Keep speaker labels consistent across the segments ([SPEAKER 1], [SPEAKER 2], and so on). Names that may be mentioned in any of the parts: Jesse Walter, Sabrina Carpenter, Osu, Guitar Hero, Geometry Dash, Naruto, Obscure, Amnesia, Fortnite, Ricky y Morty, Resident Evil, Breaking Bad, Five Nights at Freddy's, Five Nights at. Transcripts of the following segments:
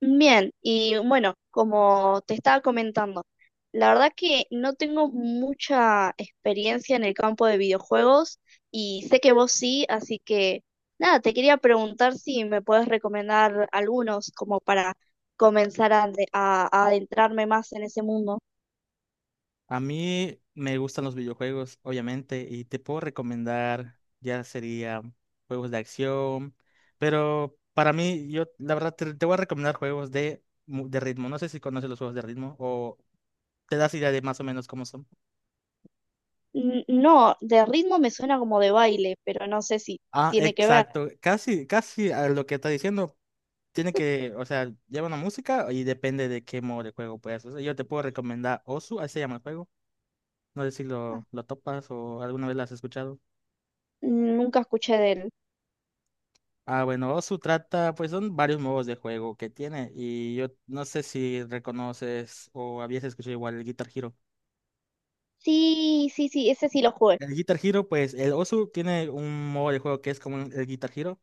[SPEAKER 1] Bien, y bueno, como te estaba comentando, la verdad que no tengo mucha experiencia en el campo de videojuegos y sé que vos sí, así que nada, te quería preguntar si me puedes recomendar algunos como para comenzar a adentrarme más en ese mundo.
[SPEAKER 2] A mí me gustan los videojuegos, obviamente, y te puedo recomendar, ya sería juegos de acción, pero para mí, yo la verdad te voy a recomendar juegos de, de ritmo. No sé si conoces los juegos de ritmo o te das idea de más o menos cómo son.
[SPEAKER 1] N- No, de ritmo me suena como de baile, pero no sé si
[SPEAKER 2] Ah,
[SPEAKER 1] tiene que ver.
[SPEAKER 2] exacto, casi, casi a lo que está diciendo. Tiene que, o sea, lleva una música y depende de qué modo de juego puedas. O sea, yo te puedo recomendar Osu, así se llama el juego. No sé si
[SPEAKER 1] Ah,
[SPEAKER 2] lo topas o alguna vez lo has escuchado.
[SPEAKER 1] nunca escuché de él.
[SPEAKER 2] Ah, bueno, Osu trata, pues son varios modos de juego que tiene y yo no sé si reconoces o habías escuchado igual el Guitar Hero.
[SPEAKER 1] Sí, sí, sí, ese sí lo jugué.
[SPEAKER 2] El Guitar Hero, pues el Osu tiene un modo de juego que es como el Guitar Hero.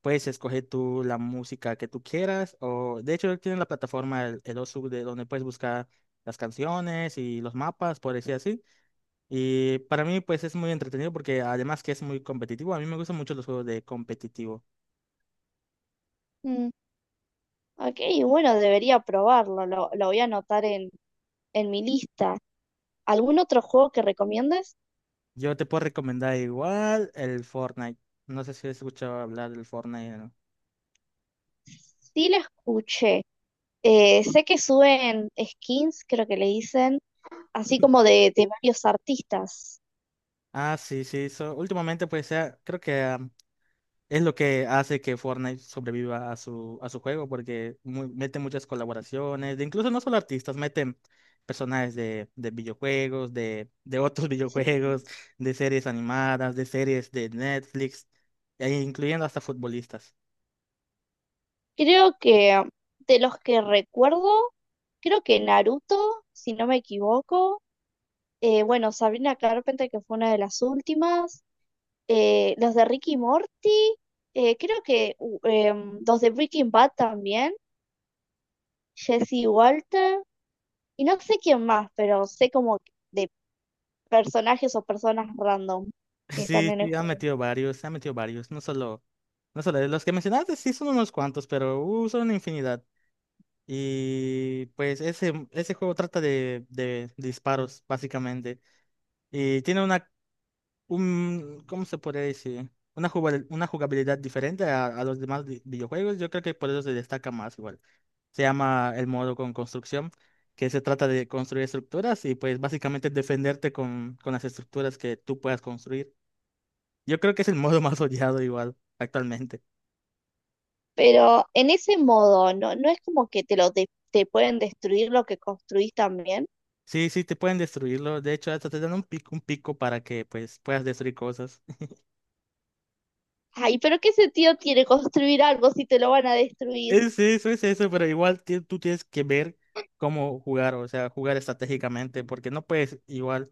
[SPEAKER 2] Puedes escoger tú la música que tú quieras o de hecho tiene la plataforma el Osu de donde puedes buscar las canciones y los mapas, por decir así. Y para mí pues es muy entretenido porque además que es muy competitivo, a mí me gustan mucho los juegos de competitivo.
[SPEAKER 1] Ok, bueno, debería probarlo, lo voy a anotar en mi lista. ¿Algún otro juego que recomiendas?
[SPEAKER 2] Yo te puedo recomendar igual el Fortnite. No sé si has escuchado hablar del Fortnite, ¿no?
[SPEAKER 1] Sí, lo escuché. Sé que suben skins, creo que le dicen, así como de varios artistas.
[SPEAKER 2] Ah, sí, sí. Últimamente, pues, sea, creo que es lo que hace que Fortnite sobreviva a a su juego, porque mete muchas colaboraciones, de incluso no solo artistas, meten personajes de videojuegos, de otros
[SPEAKER 1] Sí.
[SPEAKER 2] videojuegos, de series animadas, de series de Netflix, e incluyendo hasta futbolistas.
[SPEAKER 1] Creo que de los que recuerdo, creo que Naruto, si no me equivoco. Bueno, Sabrina Carpenter, que fue una de las últimas. Los de Ricky y Morty. Los de Breaking Bad también. Jesse Walter y no sé quién más, pero sé como de personajes o personas random que están
[SPEAKER 2] Sí,
[SPEAKER 1] en el
[SPEAKER 2] sí,
[SPEAKER 1] juego.
[SPEAKER 2] han metido varios, no solo, los que mencionaste sí son unos cuantos, pero son una infinidad. Y pues ese juego trata de disparos, básicamente. Y tiene una, un, ¿cómo se podría decir? Una una jugabilidad diferente a los demás videojuegos. Yo creo que por eso se destaca más igual. Se llama el modo con construcción, que se trata de construir estructuras y pues básicamente defenderte con las estructuras que tú puedas construir. Yo creo que es el modo más odiado igual actualmente.
[SPEAKER 1] Pero en ese modo, no, no es como que te pueden destruir lo que construís también.
[SPEAKER 2] Sí, sí, te pueden destruirlo. De hecho, hasta te dan un pico para que pues puedas destruir cosas.
[SPEAKER 1] Ay, pero ¿qué sentido tiene construir algo si te lo van a destruir?
[SPEAKER 2] Es sí, eso, es eso, pero igual tú tienes que ver cómo jugar, o sea, jugar estratégicamente, porque no puedes igual.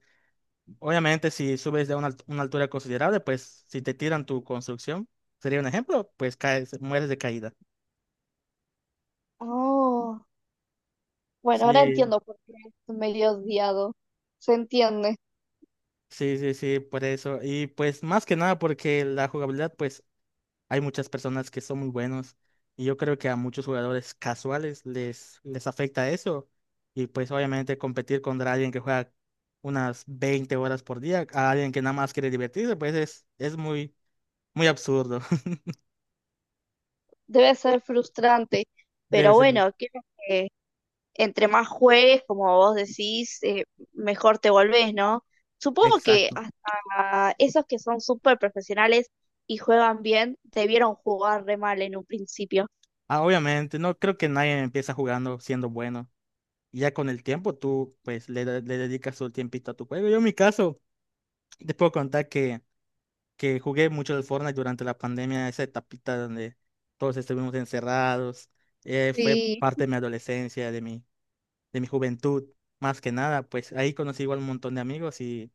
[SPEAKER 2] Obviamente, si subes de una, una altura considerable, pues si te tiran tu construcción, sería un ejemplo, pues caes, mueres de caída.
[SPEAKER 1] Oh, bueno, ahora
[SPEAKER 2] Sí,
[SPEAKER 1] entiendo por qué es medio odiado. Se entiende.
[SPEAKER 2] sí, sí, sí, por eso. Y pues más que nada porque la jugabilidad, pues hay muchas personas que son muy buenos y yo creo que a muchos jugadores casuales les afecta eso. Y pues obviamente competir contra alguien que juega unas 20 horas por día, a alguien que nada más quiere divertirse, pues es muy, muy absurdo.
[SPEAKER 1] Debe ser frustrante.
[SPEAKER 2] Debe
[SPEAKER 1] Pero
[SPEAKER 2] ser muy...
[SPEAKER 1] bueno, creo que entre más juegues, como vos decís, mejor te volvés, ¿no? Supongo que
[SPEAKER 2] Exacto.
[SPEAKER 1] hasta esos que son súper profesionales y juegan bien, debieron jugar re mal en un principio.
[SPEAKER 2] Ah, obviamente, no creo que nadie empieza jugando siendo bueno. Y ya con el tiempo tú pues le, le dedicas tu tiempito a tu juego. Yo en mi caso, te puedo contar que jugué mucho el Fortnite durante la pandemia, esa etapita donde todos estuvimos encerrados, fue
[SPEAKER 1] Sí,
[SPEAKER 2] parte de mi adolescencia, de mi juventud, más que nada, pues ahí conocí igual un montón de amigos y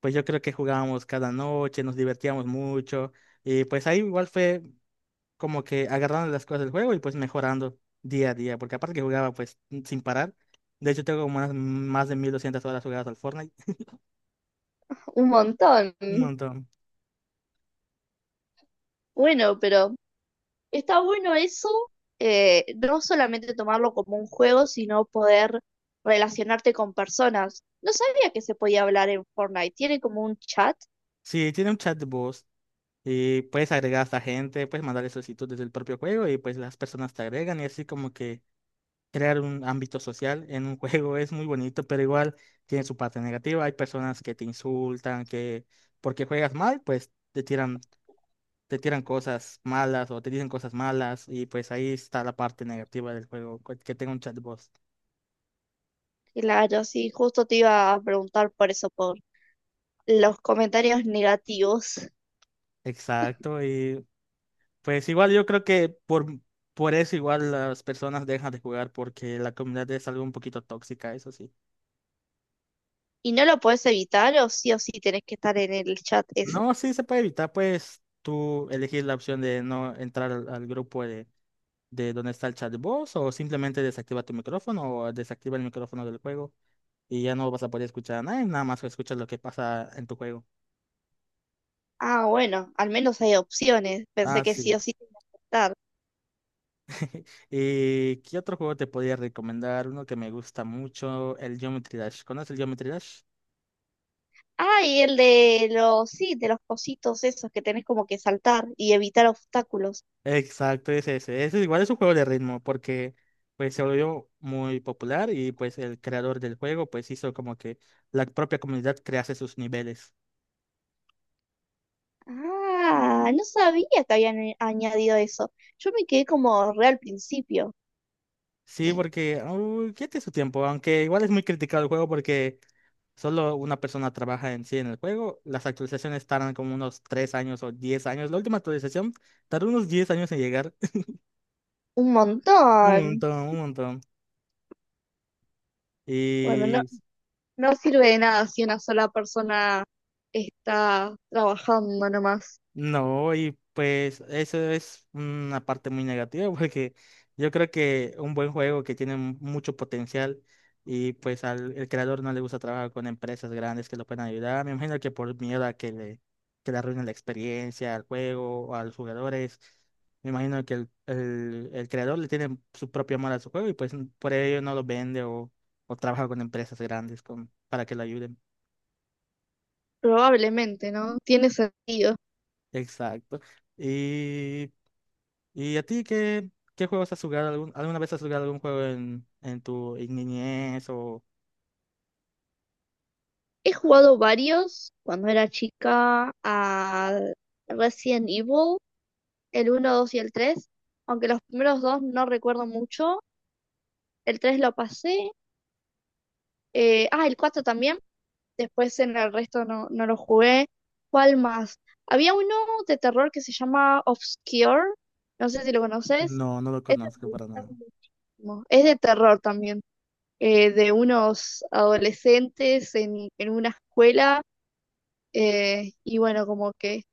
[SPEAKER 2] pues yo creo que jugábamos cada noche, nos divertíamos mucho y pues ahí igual fue como que agarrando las cosas del juego y pues mejorando día a día, porque aparte que jugaba pues sin parar, de hecho tengo como más de 1.200 horas jugadas al Fortnite,
[SPEAKER 1] un montón.
[SPEAKER 2] un montón.
[SPEAKER 1] Bueno, pero está bueno eso, no solamente tomarlo como un juego, sino poder relacionarte con personas. No sabía que se podía hablar en Fortnite. ¿Tiene como un chat?
[SPEAKER 2] Sí, tiene un chat de voz. Y puedes agregar a esta gente, puedes mandarle solicitud desde el propio juego y pues las personas te agregan y así como que crear un ámbito social en un juego es muy bonito, pero igual tiene su parte negativa. Hay personas que te insultan, que porque juegas mal, pues te tiran cosas malas o te dicen cosas malas y pues ahí está la parte negativa del juego, que tenga un chatbot.
[SPEAKER 1] Claro, sí, justo te iba a preguntar por eso, por los comentarios negativos
[SPEAKER 2] Exacto, y pues igual yo creo que por eso igual las personas dejan de jugar porque la comunidad es algo un poquito tóxica, eso sí.
[SPEAKER 1] y no lo podés evitar o sí tenés que estar en el chat. Es,
[SPEAKER 2] No, sí se puede evitar, pues tú elegir la opción de no entrar al grupo de donde está el chat de voz o simplemente desactiva tu micrófono o desactiva el micrófono del juego y ya no vas a poder escuchar a nadie, nada más escuchas lo que pasa en tu juego.
[SPEAKER 1] ah, bueno, al menos hay opciones.
[SPEAKER 2] Ah,
[SPEAKER 1] Pensé que sí
[SPEAKER 2] sí.
[SPEAKER 1] o sí tenés que estar.
[SPEAKER 2] ¿Y qué otro juego te podría recomendar? Uno que me gusta mucho, el Geometry Dash. ¿Conoces el Geometry Dash?
[SPEAKER 1] Ah, y el de los, sí, de los cositos esos que tenés como que saltar y evitar obstáculos.
[SPEAKER 2] Exacto, es ese. Ese igual es un juego de ritmo porque pues se volvió muy popular y pues el creador del juego pues hizo como que la propia comunidad crease sus niveles.
[SPEAKER 1] Ah, no sabía que habían añadido eso. Yo me quedé como re al principio.
[SPEAKER 2] Sí, porque uy, ya tiene su tiempo, aunque igual es muy criticado el juego porque solo una persona trabaja en sí en el juego. Las actualizaciones tardan como unos 3 años o 10 años. La última actualización tardó unos 10 años en llegar.
[SPEAKER 1] Un
[SPEAKER 2] Un
[SPEAKER 1] montón.
[SPEAKER 2] montón, un montón.
[SPEAKER 1] Bueno, no,
[SPEAKER 2] Y
[SPEAKER 1] no sirve de nada si una sola persona está trabajando nomás.
[SPEAKER 2] no, y pues eso es una parte muy negativa porque yo creo que un buen juego que tiene mucho potencial y pues al el creador no le gusta trabajar con empresas grandes que lo puedan ayudar. Me imagino que por miedo a que le arruinen la experiencia al juego o a los jugadores, me imagino que el creador le tiene su propio amor a su juego y pues por ello no lo vende o trabaja con empresas grandes con, para que lo ayuden.
[SPEAKER 1] Probablemente, ¿no? Tiene sentido.
[SPEAKER 2] Exacto. ¿Y ¿Y a ti qué juegos has jugado? Alguna vez has jugado algún juego en tu niñez o...?
[SPEAKER 1] He jugado varios cuando era chica a Resident Evil, el uno 2 y el tres, aunque los primeros dos no recuerdo mucho. El tres lo pasé, el 4 también, después en el resto no, no lo jugué. ¿Cuál más? Había uno de terror que se llama Obscure, no sé si lo conoces.
[SPEAKER 2] No, no lo
[SPEAKER 1] Este
[SPEAKER 2] conozco
[SPEAKER 1] me
[SPEAKER 2] para
[SPEAKER 1] gusta
[SPEAKER 2] nada.
[SPEAKER 1] muchísimo. Es de terror también. De unos adolescentes en una escuela, y bueno, como que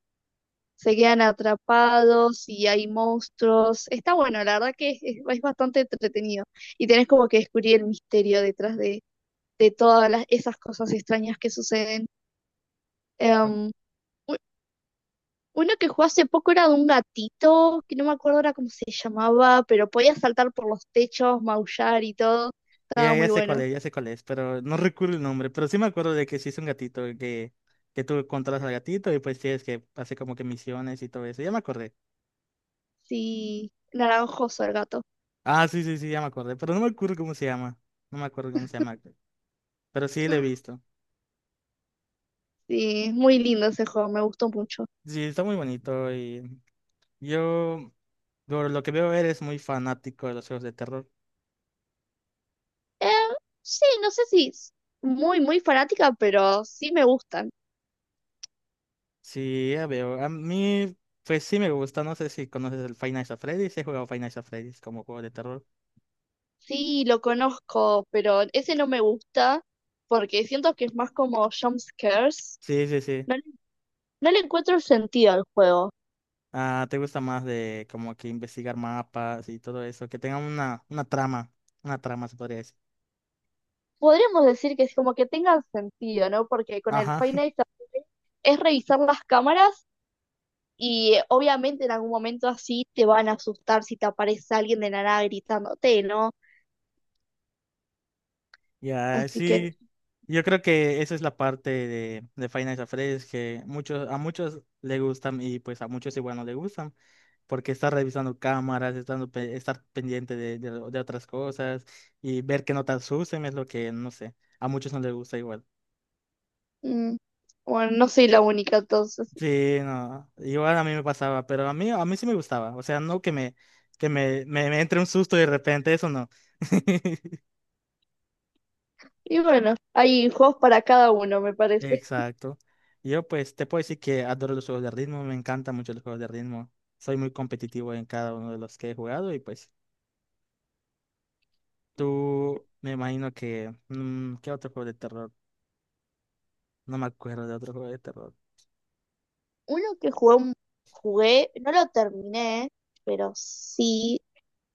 [SPEAKER 1] se quedan atrapados y hay monstruos. Está bueno, la verdad que es bastante entretenido y tenés como que descubrir el misterio de todas esas cosas extrañas que suceden. Em, u- Uno que jugó hace poco era de un gatito, que no me acuerdo ahora cómo se llamaba, pero podía saltar por los techos, maullar y todo.
[SPEAKER 2] Ya,
[SPEAKER 1] Estaba
[SPEAKER 2] ya
[SPEAKER 1] muy
[SPEAKER 2] sé cuál
[SPEAKER 1] bueno.
[SPEAKER 2] es, ya sé cuál es, pero no recuerdo el nombre. Pero sí me acuerdo de que sí es un gatito, que tú controlas al gatito y pues tienes que hacer como que misiones y todo eso. Ya me acordé.
[SPEAKER 1] Sí, naranjoso el gato.
[SPEAKER 2] Ah, sí, sí, sí, ya me acordé, pero no me acuerdo cómo se llama. No me acuerdo cómo se llama. Pero sí lo he visto.
[SPEAKER 1] Sí, es muy lindo ese juego, me gustó mucho.
[SPEAKER 2] Sí, está muy bonito y yo, por lo que veo, eres muy fanático de los juegos de terror.
[SPEAKER 1] Eh, sí, no sé si es muy fanática, pero sí me gustan.
[SPEAKER 2] Sí, ya veo. A mí, pues sí me gusta. No sé si conoces el Five Nights at Freddy's. Sí, he jugado Five Nights at Freddy's como juego de terror.
[SPEAKER 1] Sí, lo conozco, pero ese no me gusta porque siento que es más como jump scares.
[SPEAKER 2] Sí, sí, sí.
[SPEAKER 1] No, le no le encuentro el sentido al juego.
[SPEAKER 2] Ah, ¿te gusta más de como que investigar mapas y todo eso? Que tenga una trama. Una trama, se podría decir.
[SPEAKER 1] Podríamos decir que es como que tenga sentido, ¿no? Porque con el
[SPEAKER 2] Ajá.
[SPEAKER 1] Five Nights at- es revisar las cámaras y obviamente en algún momento así te van a asustar si te aparece alguien de la nada gritándote, ¿no?
[SPEAKER 2] Ya,
[SPEAKER 1] Así que
[SPEAKER 2] sí. Yo creo que esa es la parte de Five Nights at Freddy's que muchos, a muchos le gustan y pues a muchos igual no le gustan. Porque estar revisando cámaras, estar pendiente de otras cosas y ver que no te asusten es lo que, no sé, a muchos no les gusta igual.
[SPEAKER 1] mm, bueno, no soy la única entonces.
[SPEAKER 2] Sí, no, igual a mí me pasaba, pero a mí sí me gustaba, o sea, no que me, me entre un susto y de repente, eso no.
[SPEAKER 1] Y bueno, hay juegos para cada uno, me parece.
[SPEAKER 2] Exacto. Yo pues te puedo decir que adoro los juegos de ritmo, me encantan mucho los juegos de ritmo. Soy muy competitivo en cada uno de los que he jugado y pues tú me imagino que... mm, ¿Qué otro juego de terror? No me acuerdo de otro juego de terror.
[SPEAKER 1] Uno que jugué, un- Jugué, no lo terminé, pero sí,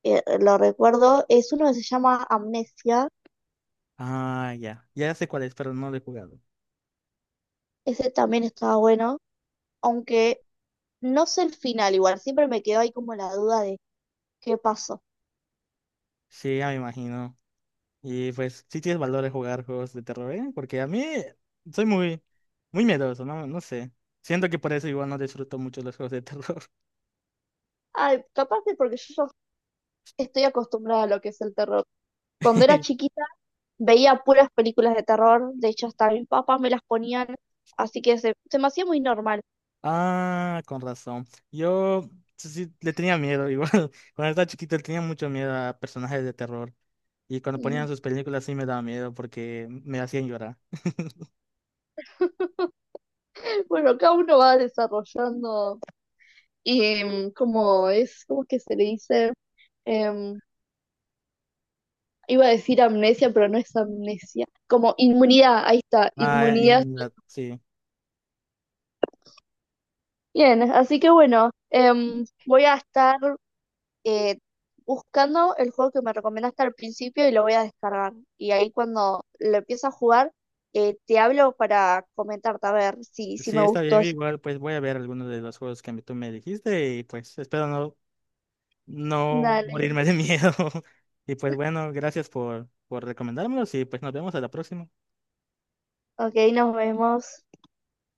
[SPEAKER 1] lo recuerdo, es uno que se llama Amnesia.
[SPEAKER 2] Ah, ya. Ya sé cuál es, pero no lo he jugado.
[SPEAKER 1] Ese también estaba bueno, aunque no sé el final igual, siempre me quedó ahí como la duda de qué pasó.
[SPEAKER 2] Sí, ya me imagino. Y pues sí tienes valor de jugar juegos de terror, ¿eh? Porque a mí soy muy, muy miedoso, ¿no? No sé. Siento que por eso igual no disfruto mucho los juegos de terror.
[SPEAKER 1] Ay, capaz que porque yo ya estoy acostumbrada a lo que es el terror. Cuando era chiquita veía puras películas de terror, de hecho hasta mis papás me las ponían, así que se me hacía muy normal.
[SPEAKER 2] Ah, con razón. Yo sí sí, le tenía miedo igual. Cuando estaba chiquito le tenía mucho miedo a personajes de terror. Y cuando
[SPEAKER 1] Mm.
[SPEAKER 2] ponían sus películas sí me daba miedo porque me hacían llorar.
[SPEAKER 1] Bueno, cada uno va desarrollando como es, ¿cómo es que se le dice? Em, Iba a decir amnesia, pero no es amnesia, como inmunidad, ahí está,
[SPEAKER 2] Ah,
[SPEAKER 1] inmunidad.
[SPEAKER 2] inmunidad, sí.
[SPEAKER 1] Bien, así que bueno, voy a estar eh, buscando el juego que me recomendaste al principio y lo voy a descargar. Y ahí cuando lo empiece a jugar, te hablo para comentarte a ver si
[SPEAKER 2] Sí,
[SPEAKER 1] me
[SPEAKER 2] está
[SPEAKER 1] gustó.
[SPEAKER 2] bien, igual pues voy a ver algunos de los juegos que tú me dijiste y pues espero no, no
[SPEAKER 1] Dale,
[SPEAKER 2] morirme de miedo. Y pues bueno, gracias por recomendármelos y pues nos vemos a la próxima.
[SPEAKER 1] ok, nos vemos.